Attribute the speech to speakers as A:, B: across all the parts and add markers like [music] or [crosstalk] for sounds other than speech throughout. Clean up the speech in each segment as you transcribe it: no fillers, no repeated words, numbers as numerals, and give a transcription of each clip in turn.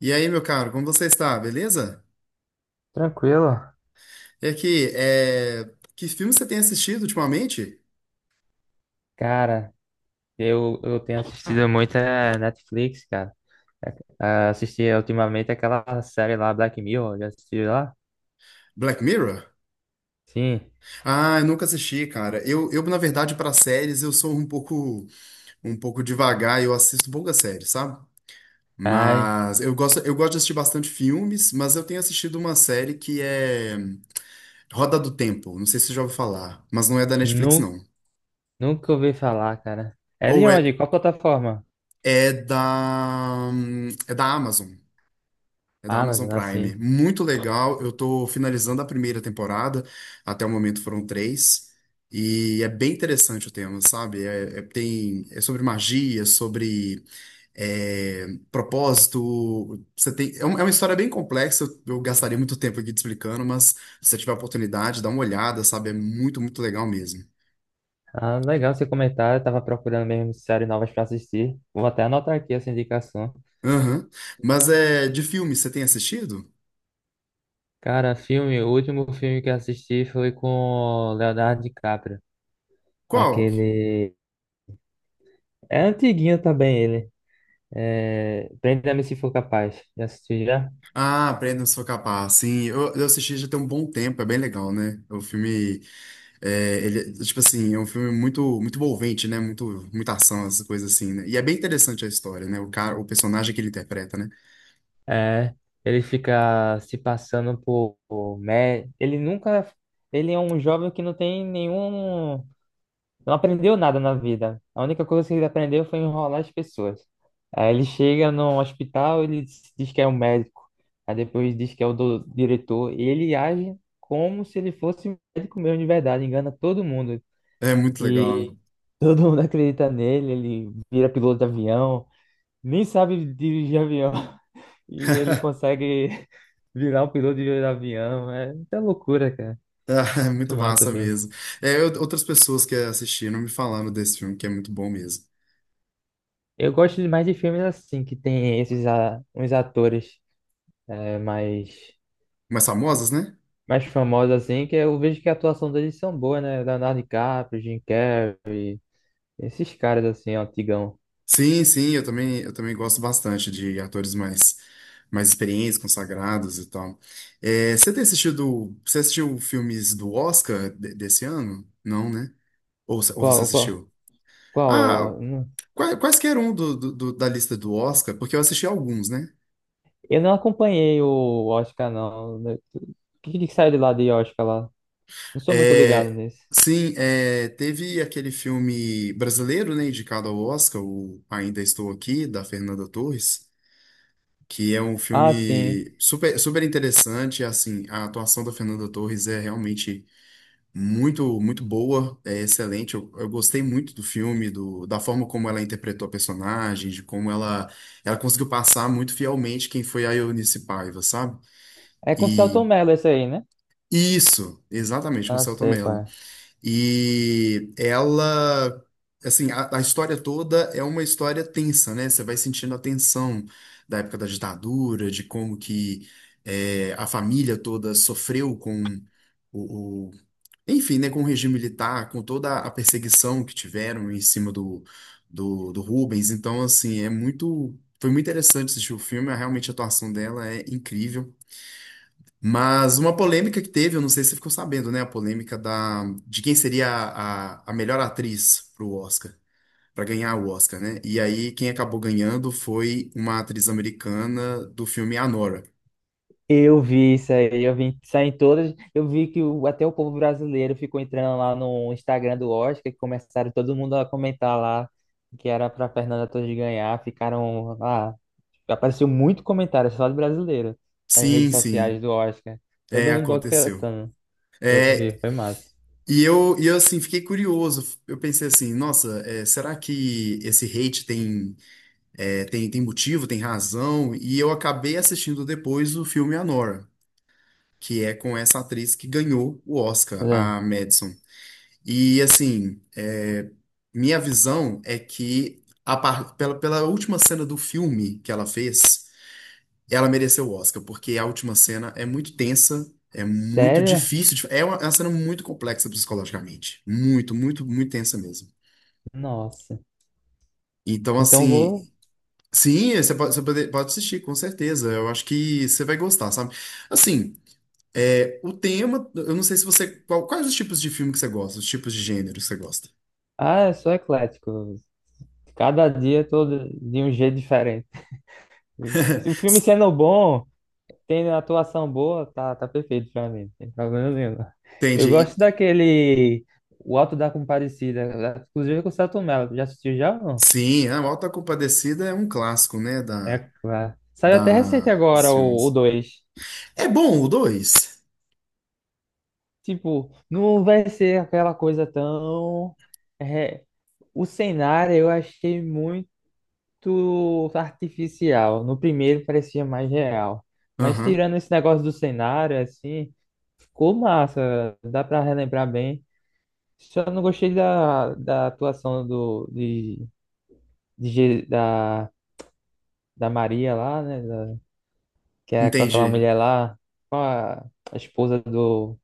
A: E aí, meu caro, como você está? Beleza?
B: Tranquilo.
A: E aqui, que filme você tem assistido ultimamente?
B: Cara, eu tenho assistido muita Netflix, cara. Assisti ultimamente aquela série lá, Black Mirror, já assistiu lá?
A: Black Mirror?
B: Sim.
A: Ah, eu nunca assisti, cara. Eu na verdade, para séries, eu sou um pouco devagar, eu assisto poucas séries, sabe?
B: Ai,
A: Mas eu gosto de assistir bastante filmes, mas eu tenho assistido uma série que é Roda do Tempo. Não sei se você já ouviu falar, mas não é da Netflix,
B: nu,
A: não.
B: Nunca ouvi falar, cara. É
A: Ou
B: de
A: é,
B: onde? Qual plataforma?
A: é é da Amazon. É da Amazon
B: Amazon,
A: Prime.
B: assim.
A: Muito legal. Eu tô finalizando a primeira temporada. Até o momento foram três. E é bem interessante o tema, sabe? É sobre magia, sobre é, propósito. Você tem, é uma história bem complexa. Eu gastaria muito tempo aqui te explicando, mas se você tiver a oportunidade, dá uma olhada, sabe? É muito, muito legal mesmo.
B: Ah, legal seu comentário. Eu tava procurando mesmo séries novas pra assistir. Vou até anotar aqui essa indicação.
A: Aham. Mas é de filme, você tem assistido?
B: Cara, filme, o último filme que eu assisti foi com o Leonardo DiCaprio.
A: Qual?
B: Aquele. É antiguinho também ele. É, Prenda-me se for capaz. Já assistiu já?
A: Ah, Aprenda, Sou Capaz. Sim, eu assisti já tem um bom tempo, é bem legal, né? O filme, ele, tipo assim, é um filme muito, muito envolvente, né? Muito, muita ação, essas coisas assim, né? E é bem interessante a história, né? O cara, o personagem que ele interpreta, né?
B: É, ele fica se passando ele nunca, ele é um jovem que não tem nenhum, não aprendeu nada na vida. A única coisa que ele aprendeu foi enrolar as pessoas. Aí ele chega no hospital, ele se diz que é um médico, aí depois diz que é o diretor, e ele age como se ele fosse um médico mesmo de verdade, engana todo mundo.
A: É muito legal,
B: E
A: né?
B: todo mundo [laughs] acredita nele, ele vira piloto de avião. Nem sabe dirigir avião [laughs] e ele
A: [laughs]
B: consegue [laughs] virar um piloto de avião. É muita loucura, cara.
A: Ah, é
B: Muito
A: muito
B: massa,
A: massa
B: velho.
A: mesmo. Outras pessoas que assistiram me falaram desse filme, que é muito bom mesmo.
B: Eu gosto mais de filmes assim, que tem esses uns atores é, mais,
A: Mais famosas, né?
B: mais famosos, assim, que eu vejo que a atuação deles são boas, né? Leonardo DiCaprio, Jim Carrey, esses caras assim, antigão.
A: Sim, sim, eu também gosto bastante de atores mais experientes, consagrados e tal. É, você tem assistido, você assistiu filmes do Oscar desse ano? Não, né? Ou você
B: Qual, qual,
A: assistiu?
B: Qual?
A: Ah, quaisquer um da lista do Oscar, porque eu assisti alguns, né?
B: Eu não acompanhei o Oscar, não. O que que saiu de lá de Oscar lá? Não sou muito ligado
A: É,
B: nisso.
A: sim, é, teve aquele filme brasileiro, né, indicado ao Oscar, o Ainda Estou Aqui, da Fernanda Torres, que é um
B: Ah, sim.
A: filme super, super interessante, assim, a atuação da Fernanda Torres é realmente muito, muito boa, é excelente, eu gostei muito do filme, do, da forma como ela interpretou a personagem, de como ela conseguiu passar muito fielmente quem foi a Eunice Paiva, sabe?
B: É com Selton
A: E
B: Mello esse aí, né?
A: isso, exatamente, com o
B: Ah,
A: Selton
B: sei qual
A: Mello.
B: é.
A: E ela, assim, a história toda é uma história tensa, né? Você vai sentindo a tensão da época da ditadura, de como que é, a família toda sofreu com o, o- enfim, né, com o regime militar, com toda a perseguição que tiveram em cima do Rubens. Então, assim, é muito, foi muito interessante assistir o filme. Realmente a atuação dela é incrível. Mas uma polêmica que teve, eu não sei se você ficou sabendo, né? A polêmica da, de quem seria a melhor atriz pro Oscar, para ganhar o Oscar, né? E aí quem acabou ganhando foi uma atriz americana do filme Anora.
B: Eu vi isso aí, eu vi isso aí em todas. Eu vi que até o povo brasileiro ficou entrando lá no Instagram do Oscar, que começaram todo mundo a comentar lá que era para Fernanda Torres ganhar. Ficaram lá. Apareceu muito comentário só de brasileiro nas redes
A: Sim, sim,
B: sociais do Oscar.
A: é,
B: Todo mundo
A: aconteceu.
B: boicotando. Eu vi,
A: É.
B: foi massa.
A: E eu assim, fiquei curioso. Eu pensei assim, nossa, é, será que esse hate tem, é, tem motivo, tem razão? E eu acabei assistindo depois o filme Anora, que é com essa atriz que ganhou o Oscar,
B: Mas, é,
A: a Madison. E assim, é, minha visão é que pela, pela última cena do filme que ela fez, ela mereceu o Oscar, porque a última cena é muito tensa, é muito
B: Sério?
A: difícil, é uma cena muito complexa psicologicamente, muito, muito, muito tensa mesmo.
B: Nossa.
A: Então
B: Então vou.
A: assim, sim, você pode, você pode assistir, com certeza. Eu acho que você vai gostar, sabe? Assim. É, o tema, eu não sei se você. Quais os tipos de filme que você gosta? Os tipos de gênero que você gosta?
B: Ah, eu sou eclético. Cada dia eu tô de um jeito diferente. Se o filme
A: [laughs]
B: sendo bom, tendo atuação boa, tá perfeito pra mim. Não tem problema nenhum. Eu
A: Entendi.
B: gosto daquele O Auto da Compadecida, inclusive com o Selton Mello. Já assistiu já ou não?
A: Sim, a Alta Compadecida é um clássico, né?
B: É claro. Saiu até
A: Da,
B: recente
A: dos
B: agora o
A: filmes.
B: dois.
A: É bom o dois.
B: Tipo, não vai ser aquela coisa tão. é, O cenário eu achei muito artificial. No primeiro parecia mais real. Mas
A: Aham,
B: tirando esse negócio do cenário, assim, ficou massa. Dá pra relembrar bem. Só não gostei da atuação do, de Je- da, da Maria lá, né? Que é com aquela
A: entendi.
B: mulher
A: [laughs]
B: lá, com a esposa do,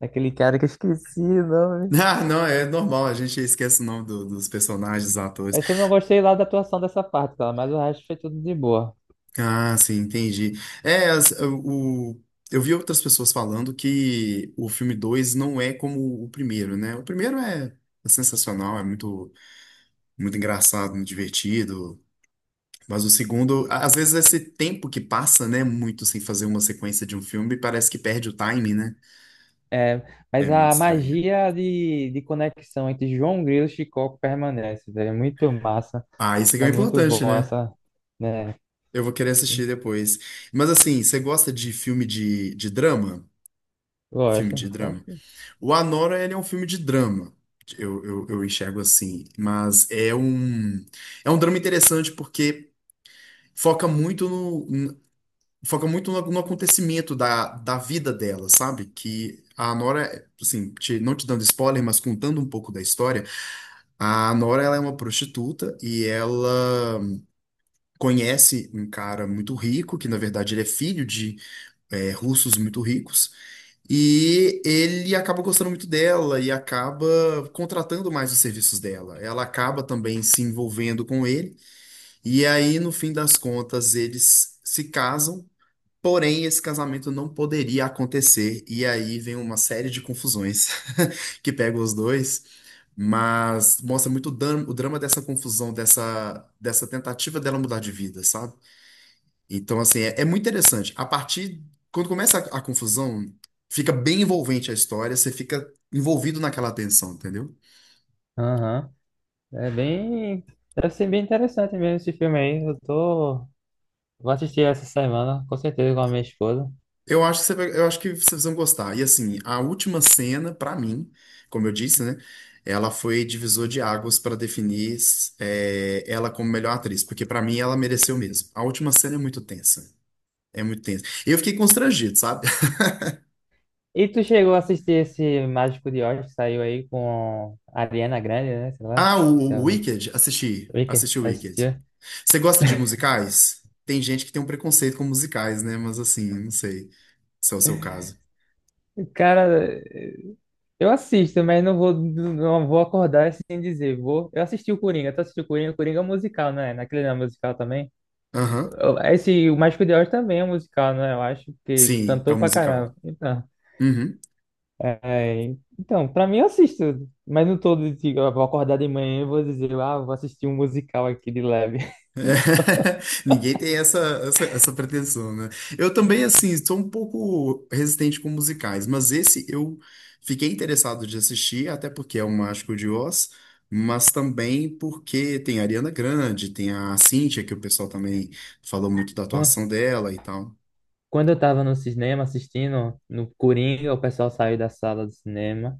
B: daquele cara que eu esqueci o nome.
A: Ah, não, é normal, a gente esquece o nome dos personagens, dos atores.
B: Essa eu não gostei lá da atuação dessa parte, tá? Mas o resto foi tudo de boa.
A: Ah, sim, entendi. É, eu vi outras pessoas falando que o filme 2 não é como o primeiro, né? O primeiro é é sensacional, é muito, muito engraçado, muito divertido. Mas o segundo, a- às vezes esse tempo que passa, né, muito sem fazer uma sequência de um filme, parece que perde o timing, né?
B: É, mas
A: É muito
B: a
A: estranho.
B: magia de conexão entre João Grilo e Chicoco permanece, velho. É muito massa.
A: Ah, isso aqui é o
B: É muito
A: importante,
B: bom
A: né?
B: essa, né?
A: Eu vou querer assistir depois. Mas assim, você gosta de filme de drama? Filme
B: Gosto,
A: de drama.
B: gosto.
A: O Anora, ele é um filme de drama. Eu enxergo assim. Mas é um drama interessante porque foca muito foca muito no acontecimento da vida dela, sabe? Que a Nora, assim, não te dando spoiler, mas contando um pouco da história, a Nora ela é uma prostituta e ela conhece um cara muito rico, que na verdade ele é filho de é, russos muito ricos, e ele acaba gostando muito dela e acaba contratando mais os serviços dela. Ela acaba também se envolvendo com ele, e aí no fim das contas eles se casam. Porém, esse casamento não poderia acontecer, e aí vem uma série de confusões [laughs] que pegam os dois, mas mostra muito o drama dessa confusão, dessa, dessa tentativa dela mudar de vida, sabe? Então, assim, é, é muito interessante. A partir, quando começa a confusão, fica bem envolvente a história, você fica envolvido naquela tensão, entendeu?
B: Aham. É bem. Deve ser bem interessante mesmo esse filme aí. Eu tô. Vou assistir essa semana, com certeza, com a minha esposa.
A: Eu acho que eu acho que vocês vão gostar. E assim, a última cena, pra mim, como eu disse, né? Ela foi divisor de águas pra definir é, ela como melhor atriz, porque pra mim ela mereceu mesmo. A última cena é muito tensa. É muito tensa. Eu fiquei constrangido, sabe? [laughs]
B: E tu chegou a assistir esse Mágico de Oz que saiu aí com a Ariana Grande, né? Sei lá.
A: Ah,
B: Se
A: o
B: chama.
A: Wicked, assisti.
B: Wicked,
A: Assisti o Wicked.
B: assistiu?
A: Você gosta de musicais? Tem gente que tem um preconceito com musicais, né? Mas assim, não sei se é o seu caso.
B: Cara, eu assisto, mas não vou acordar sem dizer. Vou. Eu assisti o Coringa, tu assistiu o Coringa? O Coringa é um musical, né? Naquele não é musical também.
A: Aham.
B: Esse, o Mágico de Oz também é um musical, né? Eu acho que
A: Sim, é
B: cantou
A: um
B: pra
A: musical.
B: caramba.
A: Uhum.
B: É, então, pra mim eu assisto, mas não todo dia. Eu vou acordar de manhã e vou dizer, ah, vou assistir um musical aqui de leve. [laughs] Não.
A: [laughs] Ninguém tem essa pretensão, né? Eu também, assim, sou um pouco resistente com musicais, mas esse eu fiquei interessado de assistir, até porque é o Mágico de Oz, mas também porque tem a Ariana Grande, tem a Cíntia, que o pessoal também falou muito da
B: Quan-
A: atuação dela e tal.
B: Quando eu tava no cinema assistindo, no Coringa, o pessoal saiu da sala do cinema.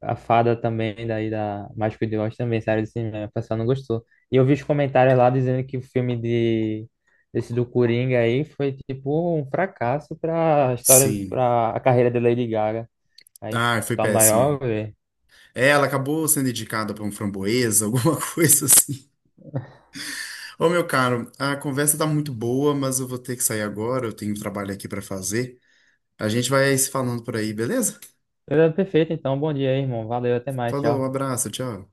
B: A fada também, daí da Mágico de Oz também, série de cinema, o pessoal não gostou. E eu vi os comentários lá dizendo que o filme de desse do Coringa aí foi tipo um fracasso pra história,
A: Sim.
B: pra a carreira de Lady Gaga. Aí
A: Ah, foi
B: tá
A: péssimo.
B: maior, velho.
A: É, ela acabou sendo indicada para um framboesa, [laughs] alguma coisa assim. Ô, meu caro, a conversa tá muito boa, mas eu vou ter que sair agora, eu tenho um trabalho aqui para fazer. A gente vai se falando por aí, beleza?
B: Ele é perfeito, então bom dia aí, irmão. Valeu, até mais,
A: Falou, um
B: tchau.
A: abraço, tchau.